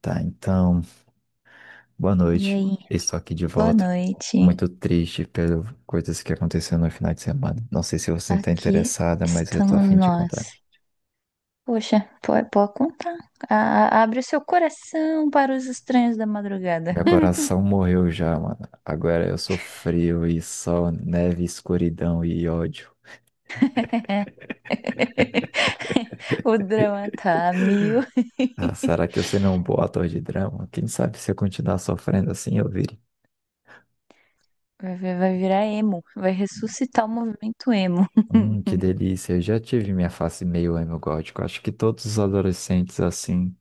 Tá, então, boa E noite. aí, Estou aqui de boa volta. noite. Muito triste pelas coisas que aconteceram no final de semana. Não sei se você está Aqui interessada, mas eu tô a estamos fim de contar. nós. Poxa, pode contar. Abre o seu coração para os estranhos da madrugada. Meu coração morreu já, mano. Agora eu sou frio e sol, neve, escuridão e ódio. O drama tá a mil. Ah, será que eu serei um bom ator de drama? Quem sabe se eu continuar sofrendo assim eu vire. Vai virar emo. Vai ressuscitar o movimento emo. Que delícia. Eu já tive minha face meio emo gótico. Acho que todos os adolescentes assim.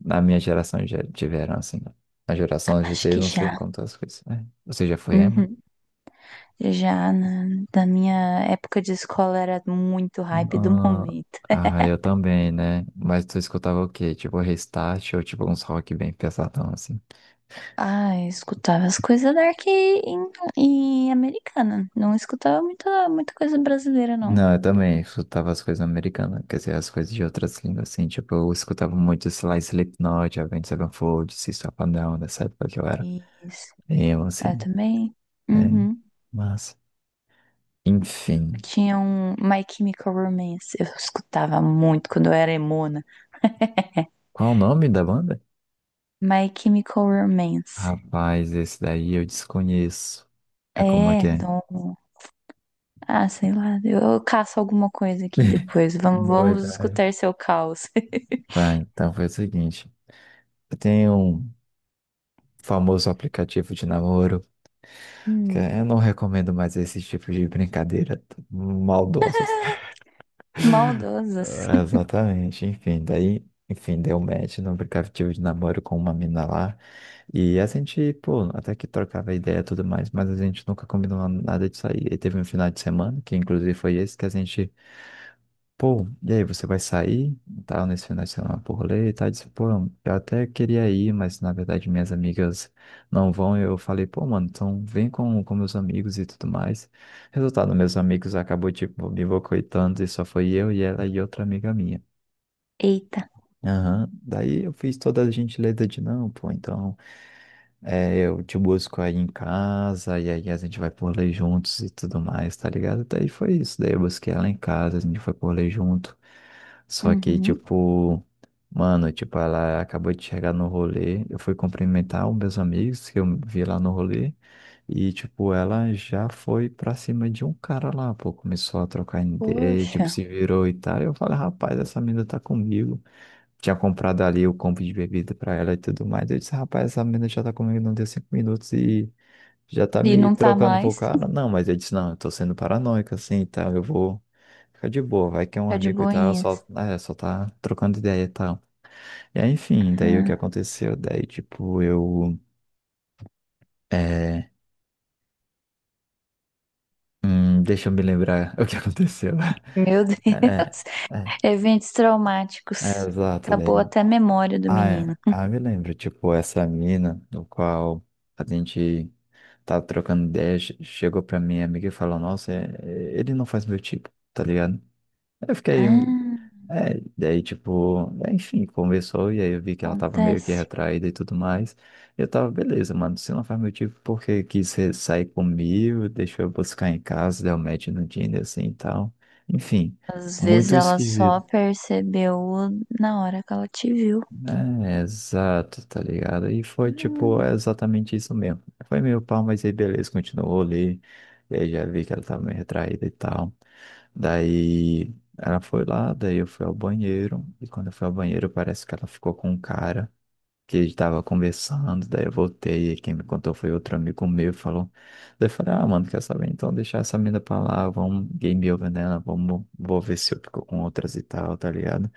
Na minha geração já tiveram, assim. Na geração de Acho GT, que não sei já. quantas coisas, né? Você já foi emo? Uhum. Já na, Na minha época de escola era muito hype do Ah, momento. ah, eu também, né? Mas tu escutava o quê? Tipo, Restart ou tipo uns rock bem pesadão, assim? Ah, eu escutava as coisas dark em e americana. Não escutava muita coisa brasileira, não. Não, eu também escutava as coisas americanas, quer dizer, as coisas de outras línguas, assim. Tipo, eu escutava muito, sei lá, Slipknot, Avenged Sevenfold, System of a Down, nessa época que eu era Isso. emo, Eu assim. também. É, Uhum. mas, Eu enfim. tinha um My Chemical Romance. Eu escutava muito quando eu era emona. Qual o nome da banda? My Chemical Romance. Rapaz, esse daí eu desconheço. É como é que É, é? não. Ah, sei lá. Eu caço alguma coisa aqui depois. Boa Vamos ideia. escutar seu caos. Tá, então foi o seguinte. Tem um famoso aplicativo de namoro, que Hum, eu não recomendo mais esse tipo de brincadeira maldosas. maldosas. É, exatamente, enfim, daí, enfim, deu match no aplicativo de namoro com uma mina lá. E a gente, pô, até que trocava ideia e tudo mais, mas a gente nunca combinou nada de sair. E teve um final de semana, que inclusive foi esse, que a gente pô, e aí, você vai sair, tal, nesse final de semana pro rolê e tal? Eu disse, pô, eu até queria ir, mas na verdade minhas amigas não vão. Eu falei, pô, mano, então vem com meus amigos e tudo mais. Resultado, meus amigos acabou, tipo, me boicotando e só foi eu e ela e outra amiga minha. Eita. Aham, daí eu fiz toda a gentileza de não, pô, então. É, eu te busco aí em casa, e aí a gente vai por ler juntos e tudo mais, tá ligado? Daí foi isso, daí eu busquei ela em casa, a gente foi por ler junto. Só que, Uhum. tipo, mano, tipo, ela acabou de chegar no rolê, eu fui cumprimentar os meus amigos que eu vi lá no rolê, e, tipo, ela já foi pra cima de um cara lá, pô, começou a trocar ideia, Poxa. tipo, se virou e tal, eu falei, rapaz, essa menina tá comigo tinha comprado ali o combo de bebida pra ela e tudo mais. Eu disse, rapaz, essa menina já tá comigo, não deu cinco minutos e já tá E me não tá trocando por mais. cara. Não, mas eu disse, não, eu tô sendo paranoico assim, então eu vou ficar de boa, vai que é um Tá de amigo e tal, só, boinhas. né, só tá trocando ideia e tal. E aí, enfim, daí o que Ah, aconteceu? Daí, tipo, eu. É, deixa eu me lembrar o que aconteceu. meu Deus. É, é, é, Eventos é, traumáticos. exato, Acabou daí. até a memória do Ah, é. menino. Ah, me lembro, tipo, essa mina, no qual a gente tava trocando ideia, chegou pra minha amiga e falou, nossa, ele não faz meu tipo, tá ligado? Eu fiquei, Ah, é, daí, tipo, é, enfim, conversou, e aí eu vi que ela tava meio que acontece. retraída e tudo mais. Eu tava, beleza, mano, se não faz meu tipo, porque quis sair comigo, deixou eu buscar em casa, deu match no Tinder, assim, e tal. Enfim, Às vezes muito ela só esquisito. percebeu na hora que ela te viu. É, exato, tá ligado? E foi tipo é Hum. exatamente isso mesmo. Foi meio pau, mas aí beleza, continuou ali. E aí já vi que ela tava meio retraída e tal. Daí ela foi lá, daí eu fui ao banheiro. E quando eu fui ao banheiro, parece que ela ficou com um cara que a gente tava conversando, daí eu voltei e quem me contou foi outro amigo meu, falou, daí eu falei, ah, mano, quer saber, então deixar essa mina pra lá, vamos game over nela, vamos, vou ver se eu fico com outras e tal, tá ligado?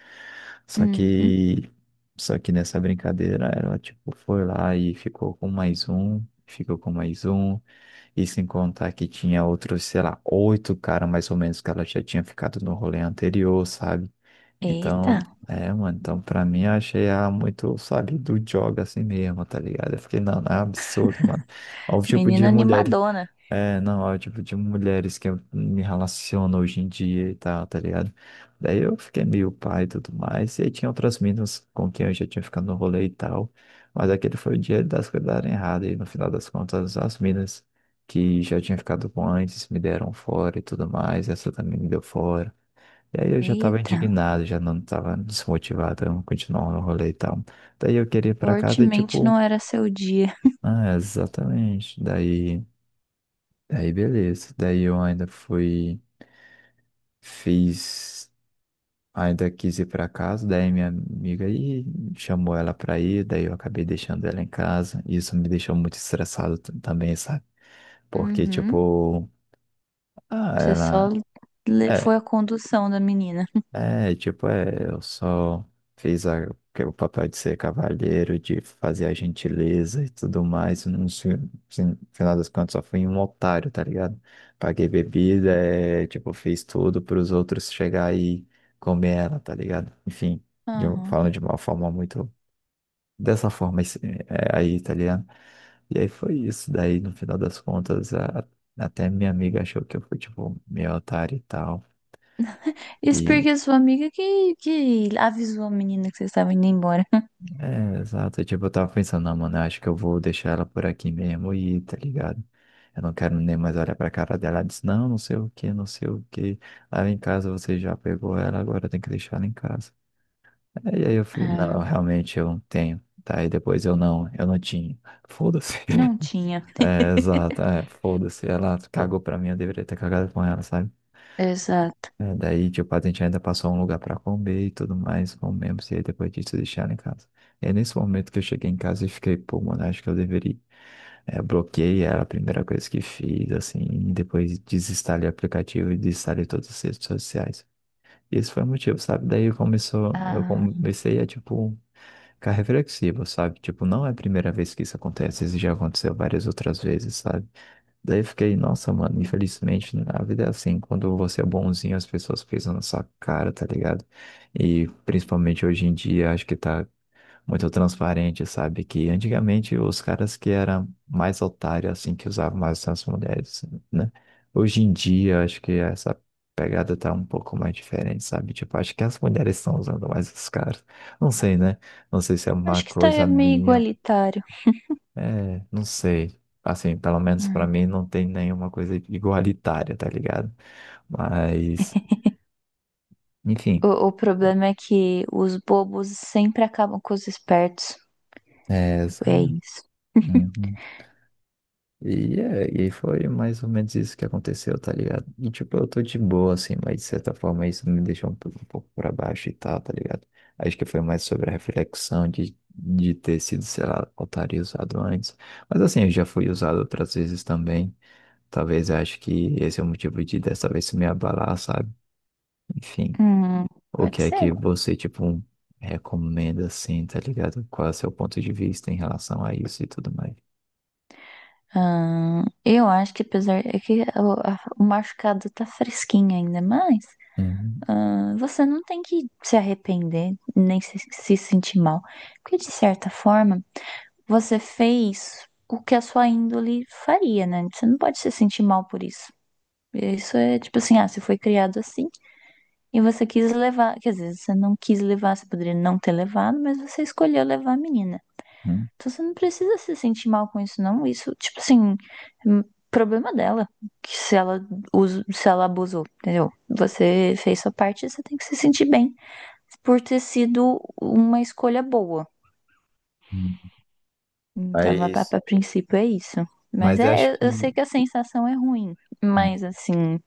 Só Uhum. que, só que nessa brincadeira, ela, tipo, foi lá e ficou com mais um, ficou com mais um, e sem contar que tinha outros, sei lá, oito caras mais ou menos que ela já tinha ficado no rolê anterior, sabe? Eita, Então, é, mano, então pra mim eu achei ela muito, sabe, do jogo assim mesmo, tá ligado? Eu fiquei, não, não é absurdo, mano. Olha o tipo menina de mulher. animadona. É, não, é o tipo de mulheres que eu me relaciono hoje em dia e tal, tá ligado? Daí eu fiquei meio pai e tudo mais. E aí tinha outras meninas com quem eu já tinha ficado no rolê e tal. Mas aquele foi o dia das coisas darem errado. E no final das contas, as meninas que já tinha ficado com antes me deram fora e tudo mais. Essa também me deu fora. E aí eu já tava Eita, indignado, já não tava desmotivado a continuar no rolê e tal. Daí eu queria ir pra casa e fortemente tipo, não era seu dia. ah, exatamente. Daí. Daí beleza. Daí eu ainda fui, fiz, ainda quis ir pra casa, daí minha amiga aí chamou ela pra ir, daí eu acabei deixando ela em casa. Isso me deixou muito estressado também, sabe? Porque, Uhum. tipo, ah, Você só ela. É, foi a condução da menina. É, tipo, eu só fiz a, o papel de ser cavalheiro, de fazer a gentileza e tudo mais. No final das contas, só fui um otário, tá ligado? Paguei bebida, é, tipo, fiz tudo para os outros chegar e comer ela, tá ligado? Enfim, Aham. falando de uma forma muito. Dessa forma é, aí, tá ligado? E aí foi isso. Daí, no final das contas, até minha amiga achou que eu fui, tipo, meio otário e tal. Isso porque sua amiga que avisou a menina que vocês estavam indo embora. É, exato. Tipo, eu tava pensando, não, mano, eu acho que eu vou deixar ela por aqui mesmo e tá ligado? Eu não quero nem mais olhar pra cara dela. Ela disse, não, não sei o que, não sei o que. Lá em casa você já pegou ela, agora tem que deixar ela em casa. É, e aí eu fui, Ah, não, realmente eu não tenho. Tá, e depois eu não tinha. Foda-se. não tinha. É, exato, é, foda-se. Ela cagou pra mim, eu deveria ter cagado com ela, sabe? Exato. É, daí, tipo, a gente ainda passou um lugar pra comer e tudo mais, comemos, e aí depois disso deixaram em casa. E aí, nesse momento que eu cheguei em casa e fiquei, pô, mano, acho que eu deveria. É, bloqueei, era a primeira coisa que fiz, assim, e depois desinstalei o aplicativo e desinstalei todas as redes sociais. Esse foi o motivo, sabe? Daí eu começou, eu Ah, comecei a, tipo, ficar reflexivo, sabe? Tipo, não é a primeira vez que isso acontece, isso já aconteceu várias outras vezes, sabe? Daí eu fiquei, nossa, mano, infelizmente né, a vida é assim, quando você é bonzinho, as pessoas pisam na sua cara, tá ligado? E principalmente hoje em dia, acho que tá muito transparente, sabe? Que antigamente os caras que eram mais otários, assim, que usavam mais as mulheres, né? Hoje em dia, acho que essa pegada tá um pouco mais diferente, sabe? Tipo, acho que as mulheres estão usando mais os caras. Não sei, né? Não sei se é uma acho que está coisa meio minha igualitário. é, não sei. Assim, pelo menos pra Hum. mim não tem nenhuma coisa igualitária, tá ligado? Mas, enfim, O problema é que os bobos sempre acabam com os espertos. é, É sabe? isso. Uhum. E, é, e foi mais ou menos isso que aconteceu, tá ligado? E, tipo, eu tô de boa, assim, mas de certa forma isso me deixou um pouco pra baixo e tal, tá ligado? Acho que foi mais sobre a reflexão de ter sido, sei lá, otário e usado antes. Mas, assim, eu já fui usado outras vezes também. Talvez eu acho que esse é o motivo de dessa vez se me abalar, sabe? Enfim. Hum, O que pode é ser. que você, tipo, recomenda assim, tá ligado? Qual é o seu ponto de vista em relação a isso e tudo mais? Ah, eu acho que apesar é que o machucado tá fresquinho ainda, mas Uhum, ah, você não tem que se arrepender, nem se sentir mal, porque de certa forma você fez o que a sua índole faria, né? Você não pode se sentir mal por isso. Isso é tipo assim, ah, você foi criado assim e você quis levar, quer dizer, você não quis levar, você poderia não ter levado, mas você escolheu levar a menina. uhum, Então você não precisa se sentir mal com isso, não. Isso, tipo assim, é problema dela, que se ela, us- se ela abusou, entendeu? Você fez sua parte, você tem que se sentir bem por ter sido uma escolha boa. uhum. Então, Mas, a princípio é isso. Mas mas acho é, que. eu sei que a sensação é ruim, Uhum, mas assim,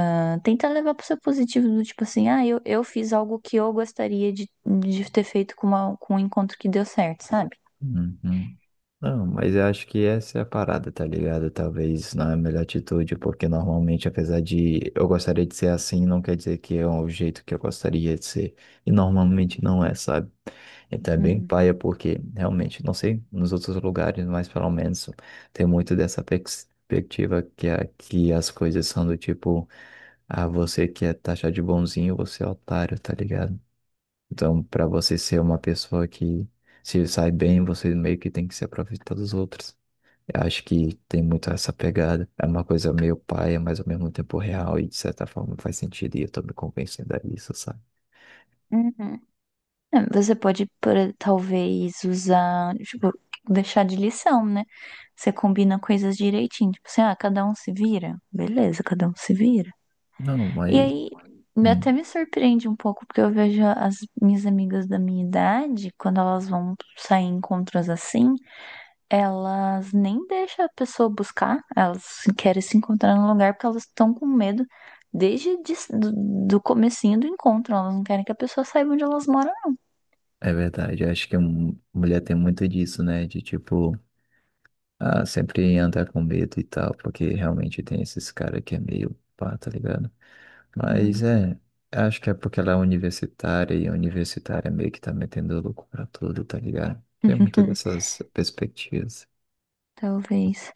ah, tenta levar pro seu positivo, do tipo assim, ah, eu fiz algo que eu gostaria de ter feito com, com um encontro que deu certo, sabe? uhum. Não, mas eu acho que essa é a parada, tá ligado? Talvez não é a melhor atitude, porque normalmente, apesar de eu gostaria de ser assim, não quer dizer que é o jeito que eu gostaria de ser. E normalmente não é, sabe? Então é bem Hum. paia, porque realmente, não sei, nos outros lugares, mas pelo menos tem muito dessa perspectiva que aqui as coisas são do tipo, ah, você que é taxado de bonzinho, você é otário, tá ligado? Então, para você ser uma pessoa que se sai bem, você meio que tem que se aproveitar dos outros. Eu acho que tem muito essa pegada. É uma coisa meio paia, mas ao mesmo tempo real e de certa forma faz sentido e eu tô me convencendo a isso, sabe? Uhum. É, você pode, por, talvez, usar, tipo, deixar de lição, né? Você combina coisas direitinho. Tipo assim, ah, cada um se vira. Beleza, cada um se vira. Não, E mas aí, hum, até me surpreende um pouco, porque eu vejo as minhas amigas da minha idade, quando elas vão sair em encontros assim, elas nem deixam a pessoa buscar, elas querem se encontrar no lugar porque elas estão com medo desde de, do, do comecinho do encontro. Elas não querem que a pessoa saiba onde elas moram. é verdade. Eu acho que mulher tem muito disso, né? De tipo, ah, sempre andar com medo e tal, porque realmente tem esses caras que é meio pá, tá ligado? Mas Assim. é, acho que é porque ela é universitária e universitária meio que tá metendo louco pra tudo, tá ligado? Tem muitas dessas perspectivas. Talvez.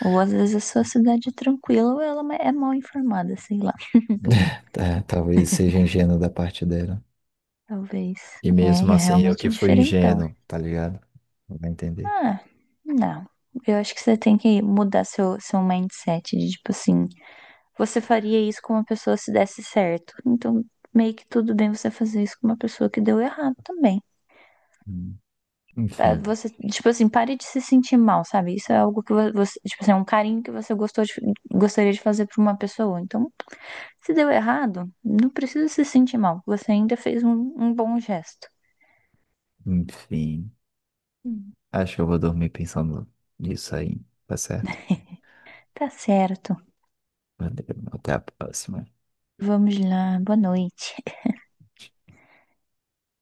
Ou às vezes a sua cidade é tranquila ou ela é mal informada, sei lá. Tá, talvez seja ingênuo da parte dela. Talvez. E É, mesmo é assim, eu realmente que fui diferentão. ingênuo, tá ligado? Não vai entender. Ah, não. Eu acho que você tem que mudar seu mindset de tipo assim, você faria isso com uma pessoa se desse certo. Então, meio que tudo bem você fazer isso com uma pessoa que deu errado também. Hum. Ah, Enfim, você, tipo assim, pare de se sentir mal, sabe? Isso é algo que você, tipo assim, é um carinho que você gostou gostaria de fazer pra uma pessoa. Então, se deu errado, não precisa se sentir mal. Você ainda fez um bom gesto. enfim. Hum. Acho que eu vou dormir pensando nisso aí, tá certo? Tá certo. Valeu, até a próxima. Vamos lá. Boa noite.